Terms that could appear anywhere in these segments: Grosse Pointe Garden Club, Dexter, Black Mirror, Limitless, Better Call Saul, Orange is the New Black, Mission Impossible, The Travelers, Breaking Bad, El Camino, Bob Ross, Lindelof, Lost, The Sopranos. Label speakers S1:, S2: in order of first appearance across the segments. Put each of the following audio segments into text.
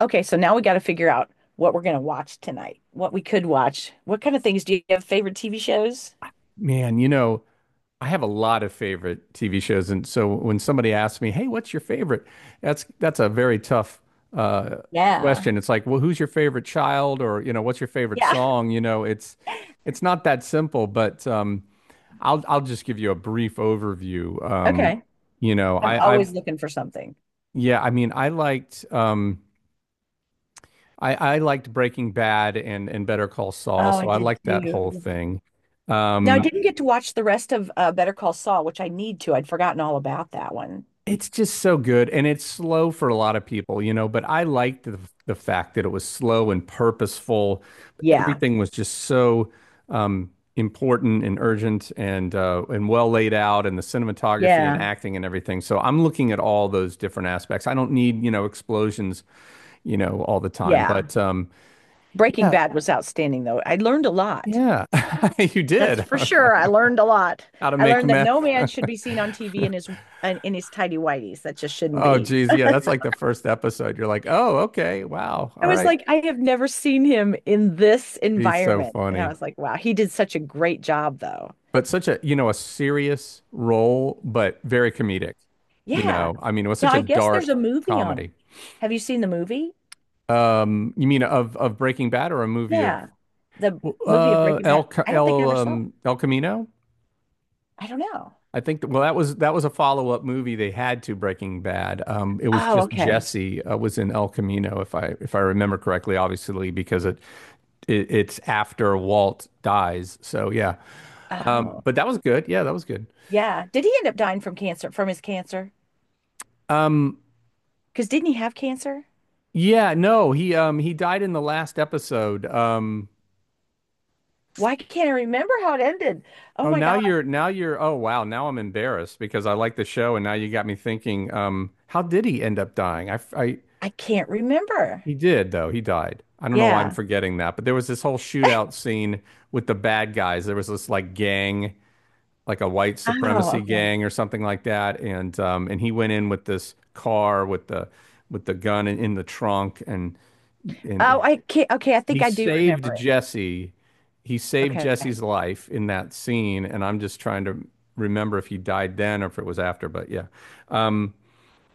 S1: Okay, so now we got to figure out what we're going to watch tonight, what we could watch. What kind of things do you have favorite TV shows?
S2: Man, you know, I have a lot of favorite TV shows, and so when somebody asks me, "Hey, what's your favorite?" That's a very tough uh,
S1: Yeah.
S2: question. It's like, well, who's your favorite child, or you know, what's your favorite
S1: Yeah.
S2: song? You know, it's not that simple. But I'll just give you a brief overview.
S1: Okay.
S2: You know,
S1: I'm
S2: I,
S1: always
S2: I've
S1: looking for something.
S2: yeah, I mean, I liked I liked Breaking Bad and Better Call Saul,
S1: Oh, I
S2: so I
S1: did
S2: liked that whole
S1: too.
S2: thing.
S1: Now, I
S2: Um,
S1: didn't get to watch the rest of Better Call Saul, which I need to. I'd forgotten all about that one.
S2: It's just so good and it's slow for a lot of people, you know, but I liked the fact that it was slow and purposeful.
S1: Yeah.
S2: Everything was just so important and urgent and well laid out and the cinematography and
S1: Yeah.
S2: acting and everything. So I'm looking at all those different aspects. I don't need, you know, explosions, you know, all the time,
S1: Yeah.
S2: but
S1: Breaking
S2: yeah,
S1: Bad was outstanding, though. I learned a lot.
S2: yeah, you
S1: That's
S2: did.
S1: for sure. I learned a lot.
S2: How to
S1: I
S2: make
S1: learned that no
S2: meth.
S1: man should be seen on TV in his in his tidy whities. That just shouldn't
S2: Oh,
S1: be.
S2: geez. Yeah, that's like the first episode. You're like, oh, okay, wow,
S1: I
S2: all
S1: was
S2: right.
S1: like, I have never seen him in this
S2: He's so
S1: environment. And I
S2: funny.
S1: was like, wow, he did such a great job, though.
S2: But such a, you know, a serious role, but very comedic. You
S1: Yeah.
S2: know, I mean, it was
S1: Now,
S2: such a
S1: I guess there's
S2: dark
S1: a movie on
S2: comedy.
S1: him. Have you seen the movie?
S2: You mean of Breaking Bad or a movie of
S1: Yeah. The
S2: well,
S1: movie of Breaking
S2: El
S1: Bad.
S2: Ca-
S1: I don't think I
S2: El
S1: ever saw it.
S2: El Camino?
S1: I don't know.
S2: I think that, well that was a follow-up movie they had to Breaking Bad. It was
S1: Oh,
S2: just
S1: okay.
S2: Jesse was in El Camino if I remember correctly, obviously because it's after Walt dies. So yeah.
S1: Oh,
S2: But that was good. Yeah, that was good.
S1: yeah. Did he end up dying from cancer, from his cancer?
S2: Um,
S1: Because didn't he have cancer?
S2: Yeah, no, he died in the last episode.
S1: Why can't I remember how it ended? Oh
S2: Oh,
S1: my
S2: now
S1: gosh.
S2: you're now you're oh wow, now I'm embarrassed because I like the show and now you got me thinking, um, how did he end up dying? I
S1: I can't remember.
S2: He did though. He died. I don't know why I'm
S1: Yeah.
S2: forgetting that, but there was this whole shootout scene with the bad guys. There was this like gang, like a white
S1: Oh,
S2: supremacy
S1: okay.
S2: gang or something like that, and he went in with this car with the gun in the trunk and and,
S1: Oh,
S2: and
S1: I can't. Okay. I
S2: he
S1: think I do remember
S2: saved
S1: it.
S2: Jesse. He saved
S1: Okay.
S2: Jesse's life in that scene, and I'm just trying to remember if he died then or if it was after. Um,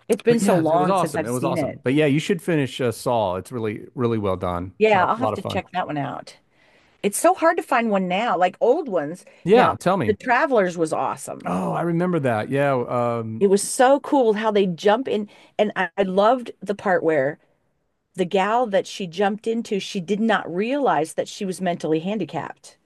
S1: It's been
S2: but
S1: so
S2: yeah, it was
S1: long since
S2: awesome.
S1: I've
S2: It was
S1: seen
S2: awesome.
S1: it.
S2: But yeah, you should finish Saul. It's really well done. A
S1: Yeah, I'll
S2: lot,
S1: have
S2: lot of
S1: to
S2: fun.
S1: check that one out. It's so hard to find one now, like old ones.
S2: Yeah,
S1: Now,
S2: tell
S1: The
S2: me.
S1: Travelers was awesome.
S2: Oh, I remember that. Yeah.
S1: It was so cool how they jump in. And I loved the part where the gal that she jumped into, she did not realize that she was mentally handicapped.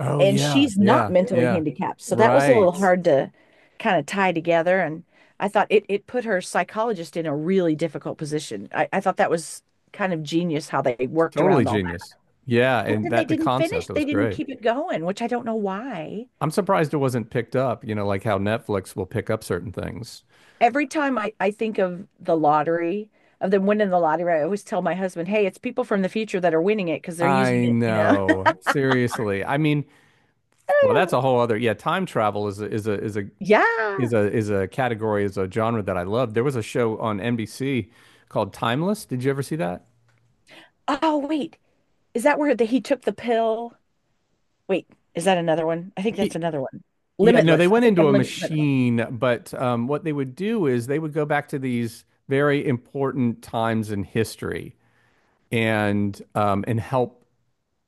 S2: Oh
S1: And
S2: yeah,
S1: she's not
S2: yeah,
S1: mentally
S2: yeah.
S1: handicapped. So that was a little
S2: Right.
S1: hard to kind of tie together. And I thought it put her psychologist in a really difficult position. I thought that was kind of genius how they worked
S2: Totally
S1: around all.
S2: genius. Yeah,
S1: But
S2: and
S1: then they
S2: that the
S1: didn't finish,
S2: concept was
S1: they didn't
S2: great.
S1: keep it going, which I don't know why.
S2: I'm surprised it wasn't picked up. You know, like how Netflix will pick up certain things.
S1: Every time I think of the lottery, of them winning the lottery, I always tell my husband, hey, it's people from the future that are winning it because they're using
S2: I
S1: it,
S2: know. Seriously. I mean, well, that's a whole other, yeah, time travel is a, is a is a is
S1: Yeah.
S2: a is a category, is a genre that I love. There was a show on NBC called Timeless. Did you ever see that?
S1: Oh, wait. Is that where the, he took the pill? Wait, is that another one? I think
S2: Ye-
S1: that's another one.
S2: Yeah, no, they
S1: Limitless. I
S2: went
S1: think
S2: into
S1: I'm
S2: a
S1: limitless.
S2: machine, but what they would do is they would go back to these very important times in history and help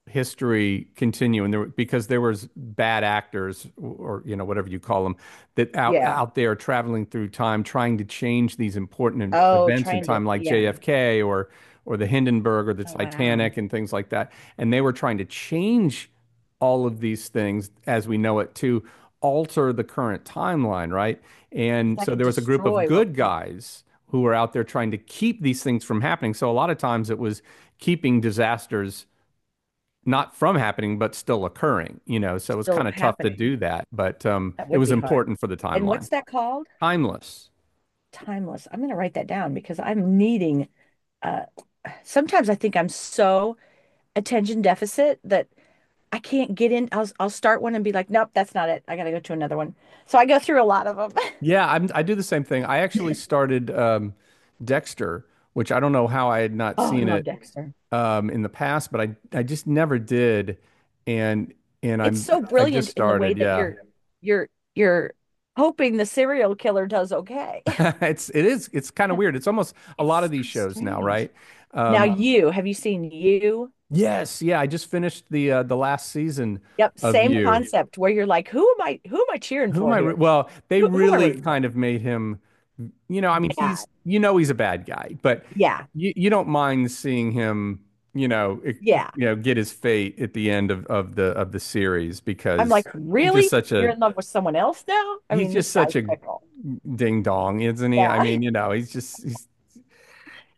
S2: history continue, and there because there was bad actors, or you know whatever you call them, that
S1: Yeah.
S2: out there traveling through time trying to change these important
S1: Oh,
S2: events in
S1: trying to,
S2: time like
S1: yeah.
S2: JFK or the Hindenburg or the
S1: Oh, wow.
S2: Titanic and things like that, and they were trying to change all of these things as we know it to alter the current timeline, right,
S1: If
S2: and
S1: that
S2: so
S1: could
S2: there was a group of
S1: destroy what,
S2: good
S1: what's
S2: guys who were out there trying to keep these things from happening. So a lot of times it was keeping disasters not from happening, but still occurring, you know. So it was
S1: still
S2: kind of tough to
S1: happening,
S2: do that, but
S1: that
S2: it
S1: would
S2: was
S1: be hard.
S2: important for the
S1: And
S2: timeline.
S1: what's that called?
S2: Timeless.
S1: Timeless. I'm going to write that down because I'm needing uh sometimes I think I'm so attention deficit that I can't get in. I'll start one and be like, "Nope, that's not it. I got to go to another one." So I go through a lot of them.
S2: Yeah, I do the same thing. I actually started Dexter, which I don't know how I had not
S1: Oh, I
S2: seen
S1: love
S2: it
S1: Dexter.
S2: in the past, but I just never did, and and
S1: It's
S2: I'm
S1: so
S2: I just
S1: brilliant in the way
S2: started.
S1: that
S2: Yeah,
S1: you're you're hoping the serial killer does okay.
S2: it's kind of weird. It's almost a lot of
S1: It's
S2: these
S1: so
S2: shows now,
S1: strange.
S2: right?
S1: Now
S2: Um,
S1: you, have you seen you?
S2: yes, yeah. I just finished the last season
S1: Yep,
S2: of
S1: same
S2: You.
S1: concept where you're like, "Who am I, cheering
S2: Who am
S1: for
S2: I? Re
S1: here?
S2: Well, they
S1: Who am I
S2: really
S1: rooting for?"
S2: kind of made him, you know, I mean,
S1: Yeah.
S2: he's, you know, he's a bad guy, but
S1: Yeah.
S2: you don't mind seeing him, you know, it,
S1: Yeah.
S2: you know, get his fate at the end of the series
S1: I'm
S2: because
S1: like,
S2: he's just
S1: really?
S2: such
S1: You're
S2: a
S1: in love with someone else now? I
S2: he's
S1: mean,
S2: just
S1: this guy's
S2: such a
S1: fickle.
S2: ding dong, isn't he? I
S1: Yeah.
S2: mean, you know, he's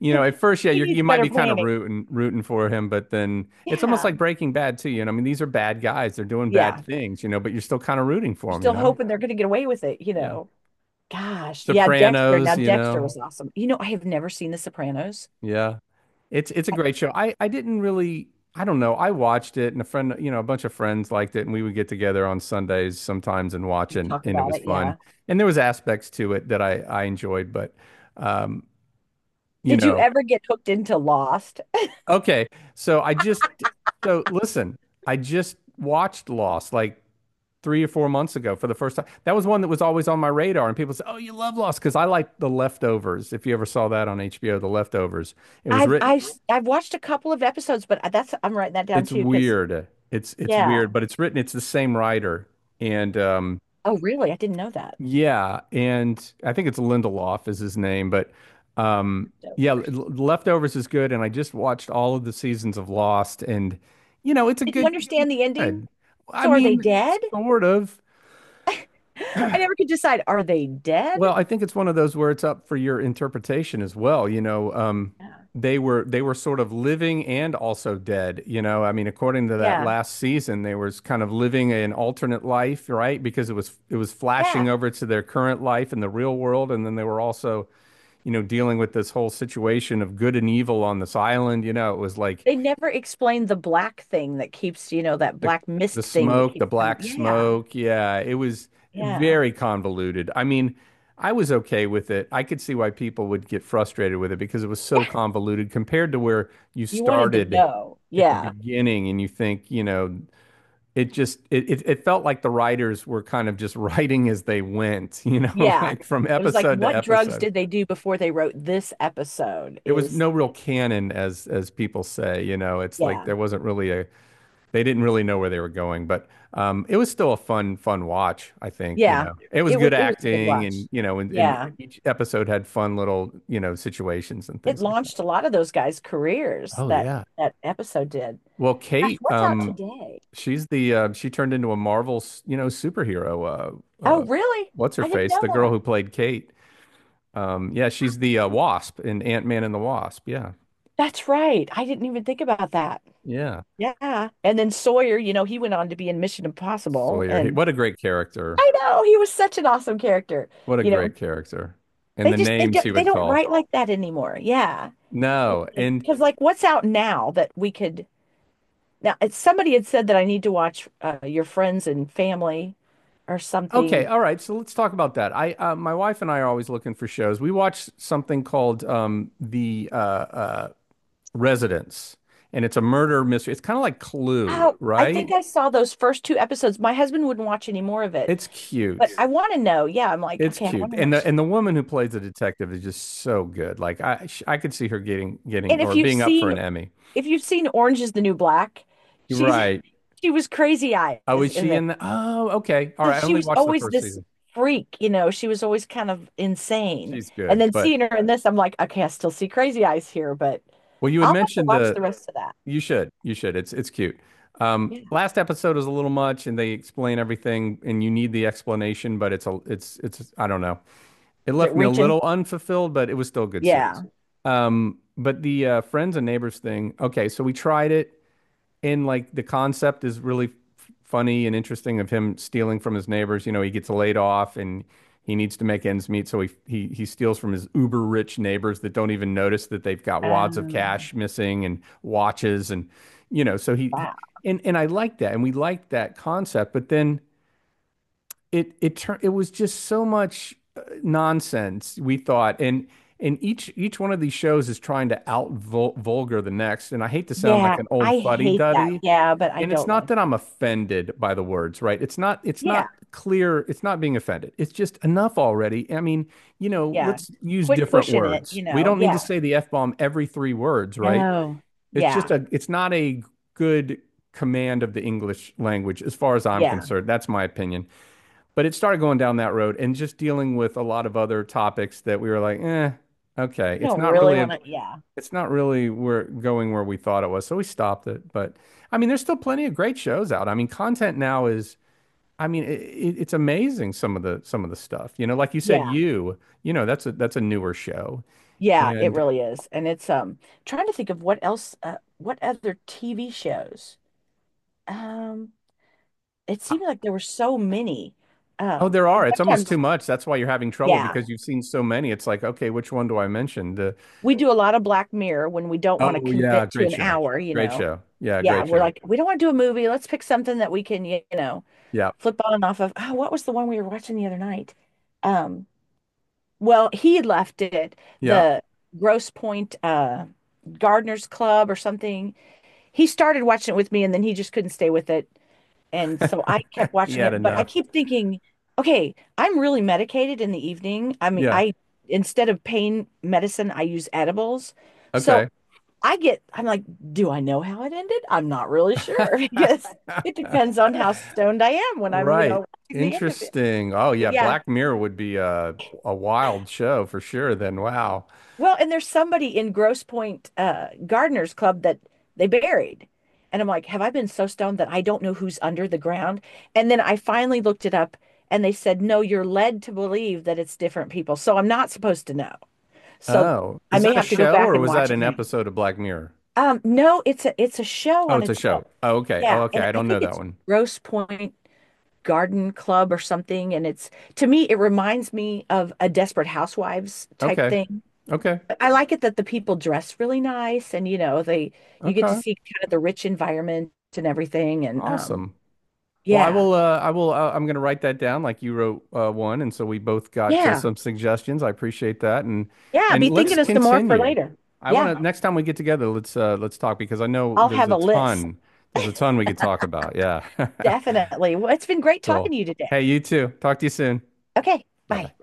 S2: you know, at first, yeah,
S1: He
S2: you're,
S1: needs
S2: you might
S1: better
S2: be kind of
S1: planning.
S2: rooting for him, but then it's almost
S1: Yeah.
S2: like Breaking Bad too, you know. I mean, these are bad guys; they're doing bad
S1: Yeah.
S2: things, you know, but you're still kind of rooting for
S1: You're
S2: them, you
S1: still
S2: know.
S1: hoping they're going to get away with it,
S2: Yeah.
S1: Gosh. Yeah. Dexter. Now,
S2: Sopranos, you
S1: Dexter
S2: know.
S1: was awesome. You know, I have never seen The Sopranos.
S2: Yeah. It's a great show. I didn't really I don't know. I watched it and a friend, you know, a bunch of friends liked it, and we would get together on Sundays sometimes and watch, and
S1: Talk
S2: and it
S1: about
S2: was
S1: it.
S2: fun.
S1: Yeah.
S2: And there was aspects to it that I enjoyed, but um, you
S1: Did you
S2: know.
S1: ever get hooked into Lost?
S2: Okay. So I just so Listen, I just watched Lost like 3 or 4 months ago for the first time. That was one that was always on my radar and people say, "Oh, you love Lost" because I like The Leftovers. If you ever saw that on HBO, The Leftovers. It was
S1: I've
S2: written.
S1: I've I've watched a couple of episodes, but that's I'm writing that down
S2: It's
S1: too because
S2: weird. It's
S1: yeah.
S2: weird, but it's written. It's the same writer, and
S1: Oh, really? I didn't know that.
S2: yeah, and I think it's Lindelof is his name, but um,
S1: So,
S2: yeah, Leftovers is good, and I just watched all of the seasons of Lost, and you know, it's a
S1: did you
S2: good,
S1: understand
S2: it's
S1: the ending?
S2: good. I
S1: So are they
S2: mean,
S1: dead?
S2: sort of.
S1: I never could decide. Are they dead?
S2: Well, I think it's one of those where it's up for your interpretation as well. You know,
S1: Yeah.
S2: they were sort of living and also dead. You know, I mean, according to that
S1: Yeah.
S2: last season, they was kind of living an alternate life, right? Because it was flashing
S1: Yeah.
S2: over to their current life in the real world, and then they were also, you know, dealing with this whole situation of good and evil on this island. You know, it was like
S1: They never explain the black thing that keeps, that
S2: The,
S1: black
S2: the
S1: mist thing that
S2: smoke, the
S1: keeps coming.
S2: black
S1: Yeah.
S2: smoke. Yeah, it was
S1: Yeah.
S2: very convoluted. I mean, I was okay with it. I could see why people would get frustrated with it because it was
S1: Yeah.
S2: so convoluted compared to where you
S1: You wanted to
S2: started
S1: know.
S2: at the
S1: Yeah.
S2: beginning, and you think, you know, it just it, it it felt like the writers were kind of just writing as they went, you know,
S1: Yeah.
S2: like from
S1: It was like,
S2: episode to
S1: what drugs
S2: episode.
S1: did they do before they wrote this episode?
S2: There was
S1: Is
S2: no real canon as people say, you know, it's like
S1: yeah.
S2: there wasn't really a they didn't really know where they were going, but it was still a fun, fun watch, I think, you
S1: Yeah.
S2: know. It was
S1: It was
S2: good
S1: it was a good
S2: acting
S1: watch.
S2: and, you know, and
S1: Yeah.
S2: each episode had fun little, you know, situations and
S1: It
S2: things like that.
S1: launched a lot of those guys' careers
S2: Oh
S1: that
S2: yeah.
S1: that episode did.
S2: Well,
S1: Gosh,
S2: Kate,
S1: what's out today?
S2: she's the she turned into a Marvel, you know, superhero.
S1: Oh, really?
S2: What's her
S1: I didn't
S2: face? The
S1: know
S2: girl
S1: that.
S2: who played Kate. Yeah, she's the Wasp in Ant-Man and the Wasp. Yeah,
S1: That's right. I didn't even think about that.
S2: yeah.
S1: Yeah. And then Sawyer, you know, he went on to be in Mission Impossible.
S2: Sawyer, he,
S1: And
S2: what a great character!
S1: I know he was such an awesome character.
S2: What a
S1: You know,
S2: great character! And
S1: they
S2: the
S1: just they
S2: names
S1: don't
S2: he
S1: they Amazing
S2: would
S1: don't write dog.
S2: call.
S1: Like superhero. That anymore. Yeah.
S2: No, and
S1: Because like what's out now that we could now it's, somebody had said that I need to watch Your Friends and Family or
S2: okay,
S1: something.
S2: all right. So let's talk about that. I My wife and I are always looking for shows. We watch something called The Residence, and it's a murder mystery. It's kind of like Clue,
S1: Oh, I
S2: right?
S1: think I saw those first two episodes. My husband wouldn't watch any more of it,
S2: It's
S1: but
S2: cute.
S1: I want to know. Yeah, I'm like,
S2: It's
S1: okay, I
S2: cute,
S1: want to know.
S2: and
S1: What
S2: the
S1: she's-
S2: and the woman who plays the detective is just so good. Like I could see her getting
S1: And
S2: or being up for an Emmy.
S1: if you've seen Orange is the New Black,
S2: You're
S1: she's
S2: right.
S1: she was crazy
S2: Oh,
S1: eyes
S2: is
S1: in
S2: she
S1: there.
S2: in the? Oh, okay. All
S1: So
S2: right. I
S1: she
S2: only
S1: was
S2: watched the
S1: always
S2: first
S1: this
S2: season.
S1: freak, you know, she was always kind of insane.
S2: She's
S1: And
S2: good,
S1: then
S2: but
S1: seeing her in this, I'm like, okay, I still see crazy eyes here, but
S2: well, you had
S1: I'll have to
S2: mentioned
S1: watch
S2: the
S1: the rest of that.
S2: You should. You should. It's cute.
S1: Yeah.
S2: Last episode is a little much, and they explain everything, and you need the explanation, but it's I don't know. It
S1: Is it
S2: left me a
S1: reaching?
S2: little unfulfilled, but it was still a good series.
S1: Yeah.
S2: But the friends and neighbors thing. Okay, so we tried it, and like the concept is really funny and interesting of him stealing from his neighbors. You know, he gets laid off and he needs to make ends meet, so he steals from his uber rich neighbors that don't even notice that they've got wads of
S1: Um,
S2: cash missing and watches and you know, so he
S1: wow.
S2: and I liked that, and we liked that concept, but then it turned it was just so much nonsense we thought, and each one of these shows is trying to out vul vulgar the next, and I hate to sound like
S1: Yeah,
S2: an old
S1: I hate that.
S2: fuddy-duddy,
S1: Yeah, but I
S2: and it's
S1: don't
S2: not
S1: like it.
S2: that I'm offended by the words, right? It's not it's
S1: Yeah,
S2: not clear, it's not being offended. It's just enough already. I mean, you know,
S1: yeah.
S2: let's use
S1: Quit
S2: different
S1: pushing it,
S2: words. We don't need to
S1: Yeah.
S2: say the F-bomb every three words, right?
S1: No. Yeah.
S2: It's not a good command of the English language as far as I'm
S1: Yeah.
S2: concerned. That's my opinion. But it started going down that road and just dealing with a lot of other topics that we were like, eh, okay.
S1: You don't really want to. Yeah.
S2: It's not really where going where we thought it was, so we stopped it. But I mean, there's still plenty of great shows out. I mean, content now is, I mean, it's amazing some of the stuff. You know, like you said,
S1: Yeah.
S2: you know, that's a newer show,
S1: Yeah, it
S2: and
S1: really is. And it's trying to think of what else what other TV shows. Um it
S2: I-
S1: seemed like there were so many.
S2: oh, there
S1: And
S2: are. It's almost
S1: sometimes
S2: too much. That's why you're having trouble
S1: yeah,
S2: because you've seen so many. It's like, okay, which one do I mention? The
S1: we do a lot of Black Mirror when we don't want to
S2: oh yeah,
S1: commit to an hour, Yeah,
S2: great
S1: we're
S2: show,
S1: like we don't want to do a movie. Let's pick something that we can,
S2: yeah,
S1: flip on and off of. Oh, what was the one we were watching the other night? Um well, he had left it
S2: yeah.
S1: the Gross Point Gardener's Club or something. He started watching it with me and then he just couldn't stay with it. And so I kept
S2: He
S1: watching
S2: had
S1: it, but I
S2: enough.
S1: keep thinking, okay, I'm really medicated in the evening. I mean,
S2: Yeah.
S1: I instead of pain medicine, I use edibles. So
S2: Okay.
S1: I get, I'm like, do I know how it ended? I'm not really sure. Yes, it depends on how stoned I am when I'm,
S2: Right.
S1: watching the end of it.
S2: Interesting. Oh yeah,
S1: But yeah,
S2: Black Mirror would be a wild show for sure then. Wow.
S1: well, and there's somebody in Grosse Pointe Gardeners Club that they buried. And I'm like, have I been so stoned that I don't know who's under the ground? And then I finally looked it up and they said, no, you're led to believe that it's different people. So I'm not supposed to know. So
S2: Oh,
S1: I
S2: is
S1: may
S2: that a
S1: have to go
S2: show
S1: back
S2: or
S1: and
S2: was that
S1: watch it
S2: an
S1: now.
S2: episode of Black Mirror?
S1: No, it's a show
S2: Oh,
S1: on
S2: it's a
S1: its own.
S2: show. Oh, okay. Oh,
S1: Yeah.
S2: okay.
S1: And
S2: I
S1: I
S2: don't
S1: think
S2: know that
S1: it's
S2: one.
S1: Grosse Pointe Garden Club or something. And it's to me, it reminds me of a Desperate Housewives type
S2: Okay.
S1: thing.
S2: Okay.
S1: I like it that the people dress really nice and you know they you get to
S2: Okay.
S1: see kind of the rich environment and everything and.
S2: Awesome. Well, I
S1: Yeah.
S2: will. I will. I'm going to write that down, like you wrote one, and so we both got
S1: Yeah.
S2: some suggestions. I appreciate that,
S1: Yeah,
S2: and
S1: be
S2: let's
S1: thinking of some more for
S2: continue.
S1: later.
S2: I want
S1: Yeah,
S2: to next time we get together, let's talk because I know
S1: I'll
S2: there's
S1: have
S2: a
S1: a list.
S2: ton. There's a ton we could talk about. Yeah.
S1: Definitely. Well, it's been great
S2: Cool.
S1: talking to you
S2: Hey,
S1: today.
S2: you too. Talk to you soon.
S1: Okay,
S2: Bye
S1: bye.
S2: bye.